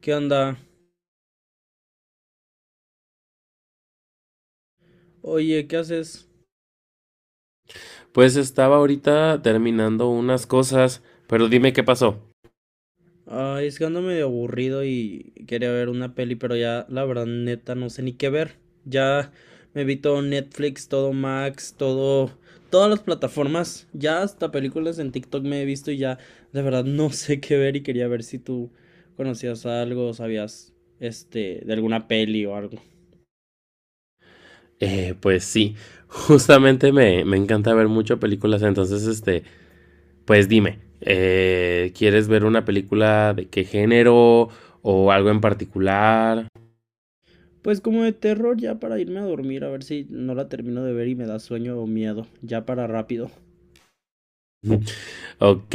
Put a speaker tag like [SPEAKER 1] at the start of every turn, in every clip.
[SPEAKER 1] ¿Qué onda? Oye, ¿qué haces?
[SPEAKER 2] Pues estaba ahorita terminando unas cosas, pero dime qué pasó.
[SPEAKER 1] Ay, es que ando medio aburrido y quería ver una peli, pero ya la verdad neta no sé ni qué ver. Ya me vi todo Netflix, todo Max, todo todas las plataformas, ya hasta películas en TikTok me he visto y ya de verdad no sé qué ver y quería ver si tú conocías algo, o sabías este de alguna peli o algo.
[SPEAKER 2] Pues sí, justamente me encanta ver mucho películas, entonces pues dime, ¿quieres ver una película de qué género o algo en particular?
[SPEAKER 1] Pues como de terror ya para irme a dormir, a ver si no la termino de ver y me da sueño o miedo, ya para rápido.
[SPEAKER 2] Ok,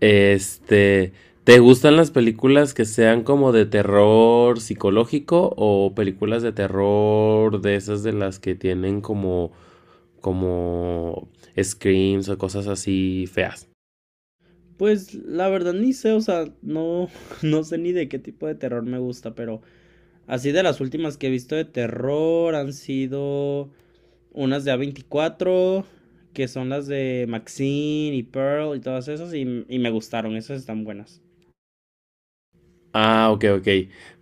[SPEAKER 2] este, ¿te gustan las películas que sean como de terror psicológico o películas de terror de esas de las que tienen como como screams o cosas así feas?
[SPEAKER 1] Pues la verdad ni sé, o sea, no, no sé ni de qué tipo de terror me gusta, pero así de las últimas que he visto de terror han sido unas de A24 que son las de Maxine y Pearl y todas esas, y me gustaron, esas están buenas.
[SPEAKER 2] Ah, ok, ok.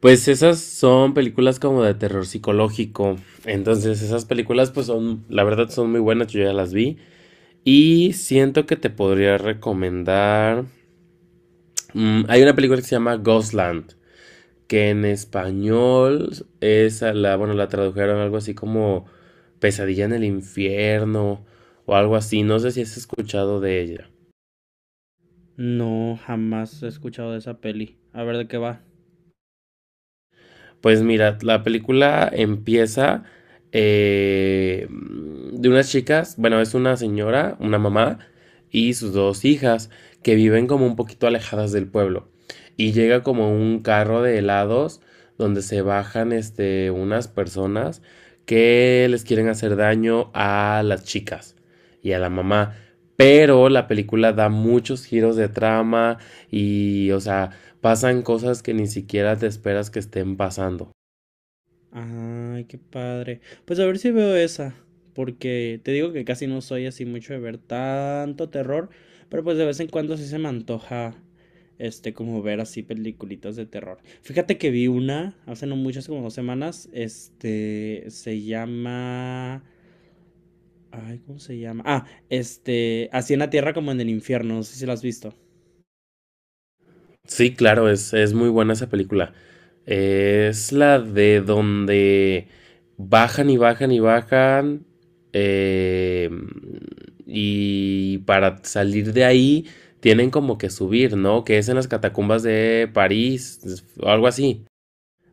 [SPEAKER 2] Pues esas son películas como de terror psicológico. Entonces esas películas pues son, la verdad son muy buenas, yo ya las vi. Y siento que te podría recomendar... hay una película que se llama Ghostland, que en español es a la, bueno, la tradujeron algo así como Pesadilla en el infierno o algo así. No sé si has escuchado de ella.
[SPEAKER 1] No, jamás he escuchado de esa peli. A ver de qué va.
[SPEAKER 2] Pues mira, la película empieza eh, de unas chicas, bueno, es una señora, una mamá y sus dos hijas que viven como un poquito alejadas del pueblo. Y llega como un carro de helados donde se bajan unas personas que les quieren hacer daño a las chicas y a la mamá. Pero la película da muchos giros de trama y, o sea, pasan cosas que ni siquiera te esperas que estén pasando.
[SPEAKER 1] Ay, qué padre. Pues a ver si veo esa, porque te digo que casi no soy así mucho de ver tanto terror, pero pues de vez en cuando sí se me antoja, este, como ver así peliculitas de terror. Fíjate que vi una hace no mucho, hace como 2 semanas, este, se llama, ay, ¿cómo se llama? Ah, este, así en la tierra como en el infierno, no sé si la has visto.
[SPEAKER 2] Sí, claro, es muy buena esa película. Es la de donde bajan y bajan y bajan. eh, y para salir de ahí tienen como que subir, ¿no? Que es en las catacumbas de París, o algo así.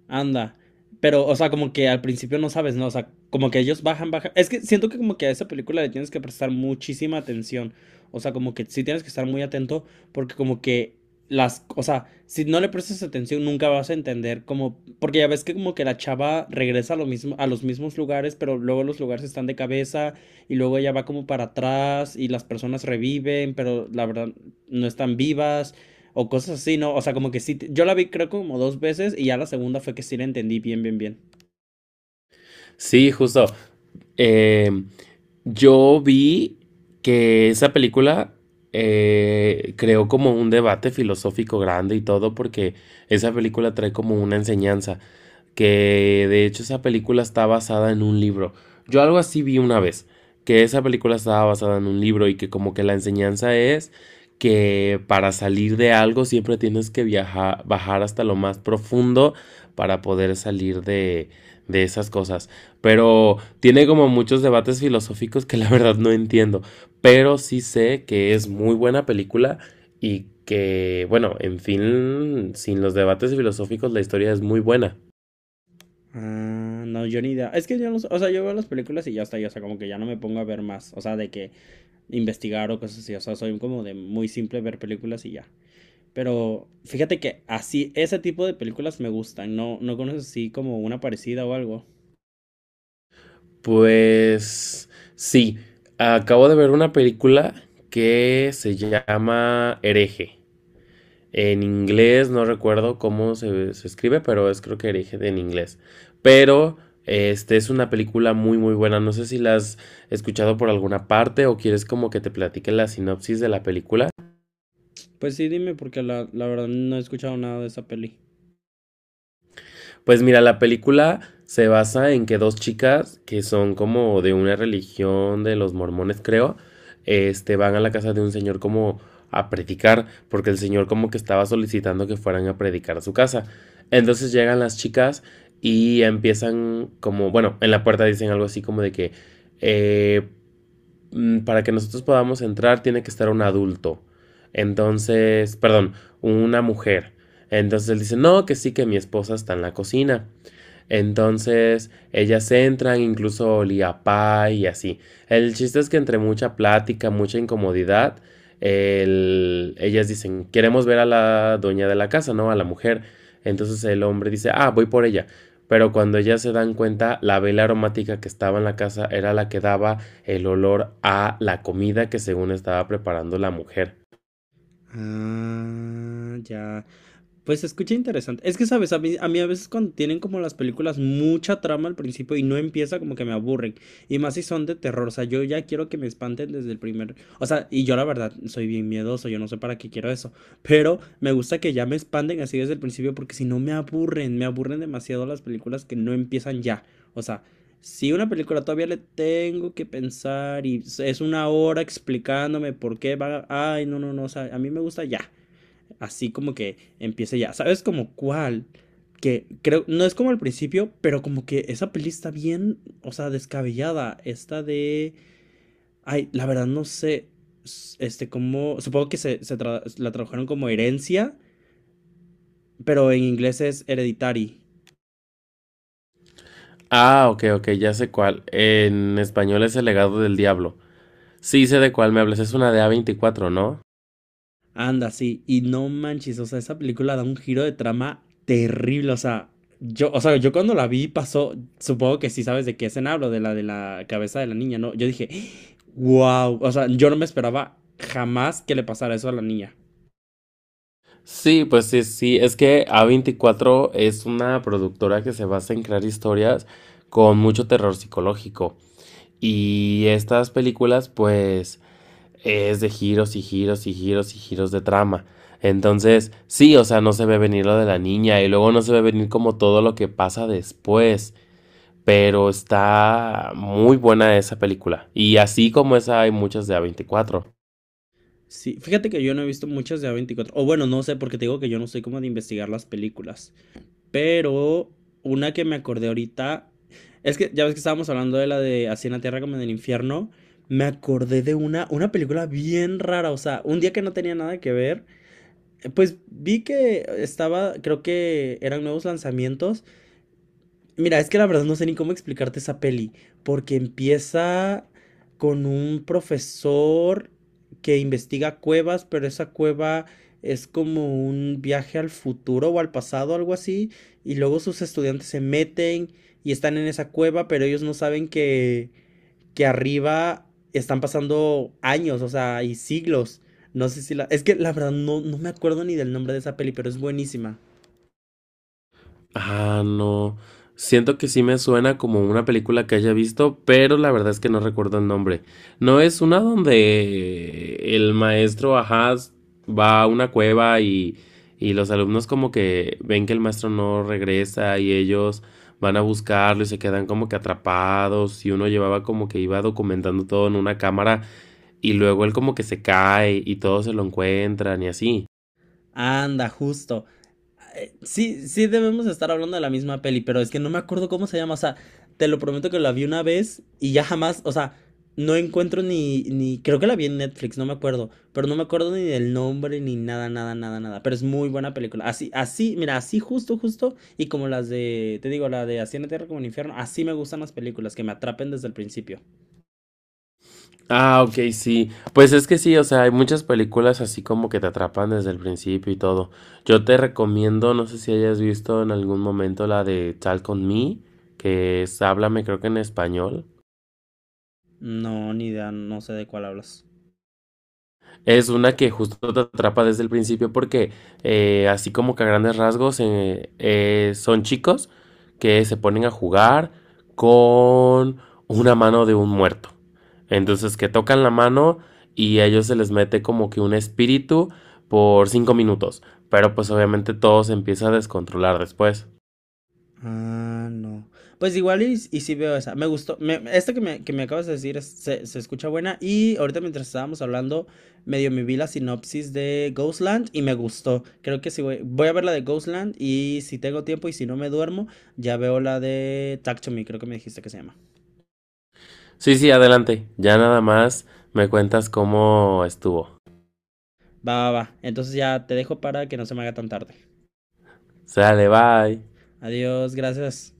[SPEAKER 1] Anda. Pero, o sea, como que al principio no sabes, ¿no? O sea, como que ellos bajan, bajan. Es que siento que como que a esa película le tienes que prestar muchísima atención. O sea, como que sí tienes que estar muy atento porque como que las, o sea, si no le prestas atención nunca vas a entender como, porque ya ves que como que la chava regresa a lo mismo, a los mismos lugares, pero luego los lugares están de cabeza y luego ella va como para atrás y las personas reviven, pero la verdad no están vivas. O cosas así, ¿no? O sea, como que sí. Yo la vi creo como dos veces y ya la segunda fue que sí la entendí bien, bien, bien.
[SPEAKER 2] Sí, justo. Eh, yo vi que esa película creó como un debate filosófico grande y todo porque esa película trae como una enseñanza, que de hecho esa película está basada en un libro. Yo algo así vi una vez, que esa película estaba basada en un libro y que como que la enseñanza es que para salir de algo siempre tienes que viajar, bajar hasta lo más profundo para poder de esas cosas. Pero tiene como muchos debates filosóficos que la verdad no entiendo. Pero sí sé que es muy buena película y que, bueno, en fin, sin los debates filosóficos la historia es muy buena.
[SPEAKER 1] Ah, no, yo ni idea. Es que yo no, o sea, yo veo las películas y ya está, y, o sea, como que ya no me pongo a ver más, o sea, de que investigar o cosas así, o sea, soy como de muy simple ver películas y ya. Pero fíjate que así, ese tipo de películas me gustan, no, no conoces así como una parecida o algo.
[SPEAKER 2] Pues sí, acabo de ver una película que se llama Hereje. En inglés, no recuerdo cómo se escribe, pero es creo que origen en inglés. Pero es una película muy muy buena. No sé si la has escuchado por alguna parte o quieres como que te platique la sinopsis de la película.
[SPEAKER 1] Pues sí, dime, porque la verdad no he escuchado nada de esa peli.
[SPEAKER 2] Pues mira, la película se basa en que dos chicas que son como de una religión de los mormones, creo, van a la casa de un señor como a predicar, porque el señor como que estaba solicitando que fueran a predicar a su casa. Entonces llegan las chicas y empiezan como, bueno, en la puerta dicen algo así como de que eh, para que nosotros podamos entrar tiene que estar un adulto. Entonces, perdón, una mujer. Entonces él dice, no, que sí, que mi esposa está en la cocina. Entonces, ellas entran, incluso olía a pie y así. El chiste es que entre mucha plática, mucha incomodidad, ellas dicen, queremos ver a la dueña de la casa, ¿no? A la mujer. Entonces el hombre dice, ah, voy por ella. Pero cuando ellas se dan cuenta, la vela aromática que estaba en la casa era la que daba el olor a la comida que según estaba preparando la mujer.
[SPEAKER 1] Ah, ya. Pues se escucha interesante. Es que, ¿sabes? A mí, a mí a veces cuando tienen como las películas mucha trama al principio y no empieza como que me aburren. Y más si son de terror. O sea, yo ya quiero que me espanten desde el primer... O sea, y yo la verdad soy bien miedoso. Yo no sé para qué quiero eso. Pero me gusta que ya me espanten así desde el principio porque si no me aburren. Me aburren demasiado las películas que no empiezan ya. O sea, si una película todavía le tengo que pensar y es una hora explicándome por qué va. Ay, no, no, no. O sea, a mí me gusta ya. Así como que empiece ya. ¿Sabes como cuál? Que creo, no es como al principio, pero como que esa peli está bien, o sea, descabellada. Esta de. Ay, la verdad no sé. Este, como. Supongo que la tradujeron como herencia, pero en inglés es hereditary.
[SPEAKER 2] Ah, ok, ok, ya sé cuál. En español es el legado del diablo. Sí, sé de cuál me hablas, es una de A24, ¿no?
[SPEAKER 1] Anda, sí, y no manches, o sea, esa película da un giro de trama terrible, o sea, yo cuando la vi pasó, supongo que sí sabes de qué escena hablo, de la cabeza de la niña, ¿no? Yo dije, wow, o sea, yo no me esperaba jamás que le pasara eso a la niña.
[SPEAKER 2] Sí, pues sí, sí, es que A24 es una productora que se basa en crear historias con mucho terror psicológico. Y estas películas, pues, es de giros y giros y giros y giros de trama. Entonces, sí, o sea, no se ve venir lo de la niña y luego no se ve venir como todo lo que pasa después. Pero está muy buena esa película. Y así como esa hay muchas de A24.
[SPEAKER 1] Sí, fíjate que yo no he visto muchas de A24. O bueno, no sé, porque te digo que yo no soy como de investigar las películas. Pero una que me acordé ahorita. Es que ya ves que estábamos hablando de la de Así en la Tierra como en el infierno. Me acordé de una película bien rara. O sea, un día que no tenía nada que ver. Pues vi que estaba. Creo que eran nuevos lanzamientos. Mira, es que la verdad no sé ni cómo explicarte esa peli, porque empieza con un profesor que investiga cuevas, pero esa cueva es como un viaje al futuro o al pasado, algo así, y luego sus estudiantes se meten y están en esa cueva, pero ellos no saben que arriba están pasando años, o sea, y siglos. No sé si la... Es que la verdad no, no me acuerdo ni del nombre de esa peli, pero es buenísima.
[SPEAKER 2] Ah, no. Siento que sí me suena como una película que haya visto, pero la verdad es que no recuerdo el nombre. ¿No es una donde el maestro, ajá, va a una cueva y los alumnos como que ven que el maestro no regresa y ellos van a buscarlo y se quedan como que atrapados y uno llevaba como que iba documentando todo en una cámara y luego él como que se cae y todos se lo encuentran y así?
[SPEAKER 1] Anda, justo. Sí, sí debemos estar hablando de la misma peli, pero es que no me acuerdo cómo se llama. O sea, te lo prometo que la vi una vez y ya jamás, o sea, no encuentro ni, ni, creo que la vi en Netflix, no me acuerdo, pero no me acuerdo ni del nombre ni nada, nada, nada, nada. Pero es muy buena película. Así, así, mira, así justo, justo, y como las de, te digo, la de Así en la Tierra como en el Infierno, así me gustan las películas, que me atrapen desde el principio.
[SPEAKER 2] Ah, ok, sí. Pues es que sí, o sea, hay muchas películas así como que te atrapan desde el principio y todo. Yo te recomiendo, no sé si hayas visto en algún momento la de Talk on Me, que es Háblame, creo que en español.
[SPEAKER 1] No, ni idea, no sé de cuál hablas.
[SPEAKER 2] Es una que justo te atrapa desde el principio porque así como que a grandes rasgos son chicos que se ponen a jugar con una mano de un muerto. Entonces que tocan la mano y a ellos se les mete como que un espíritu por 5 minutos. Pero pues obviamente todo se empieza a descontrolar después.
[SPEAKER 1] Ah, no. Pues igual y sí veo esa. Me gustó. Me, esta que me, acabas de decir se escucha buena. Y ahorita mientras estábamos hablando, medio me vi la sinopsis de Ghostland y me gustó. Creo que sí voy a ver la de Ghostland y si tengo tiempo y si no me duermo, ya veo la de Talk to Me, creo que me dijiste que se llama.
[SPEAKER 2] Sí, sí, adelante. Ya nada más me cuentas cómo estuvo.
[SPEAKER 1] Va, va, va. Entonces ya te dejo para que no se me haga tan tarde.
[SPEAKER 2] Sale, bye.
[SPEAKER 1] Adiós, gracias.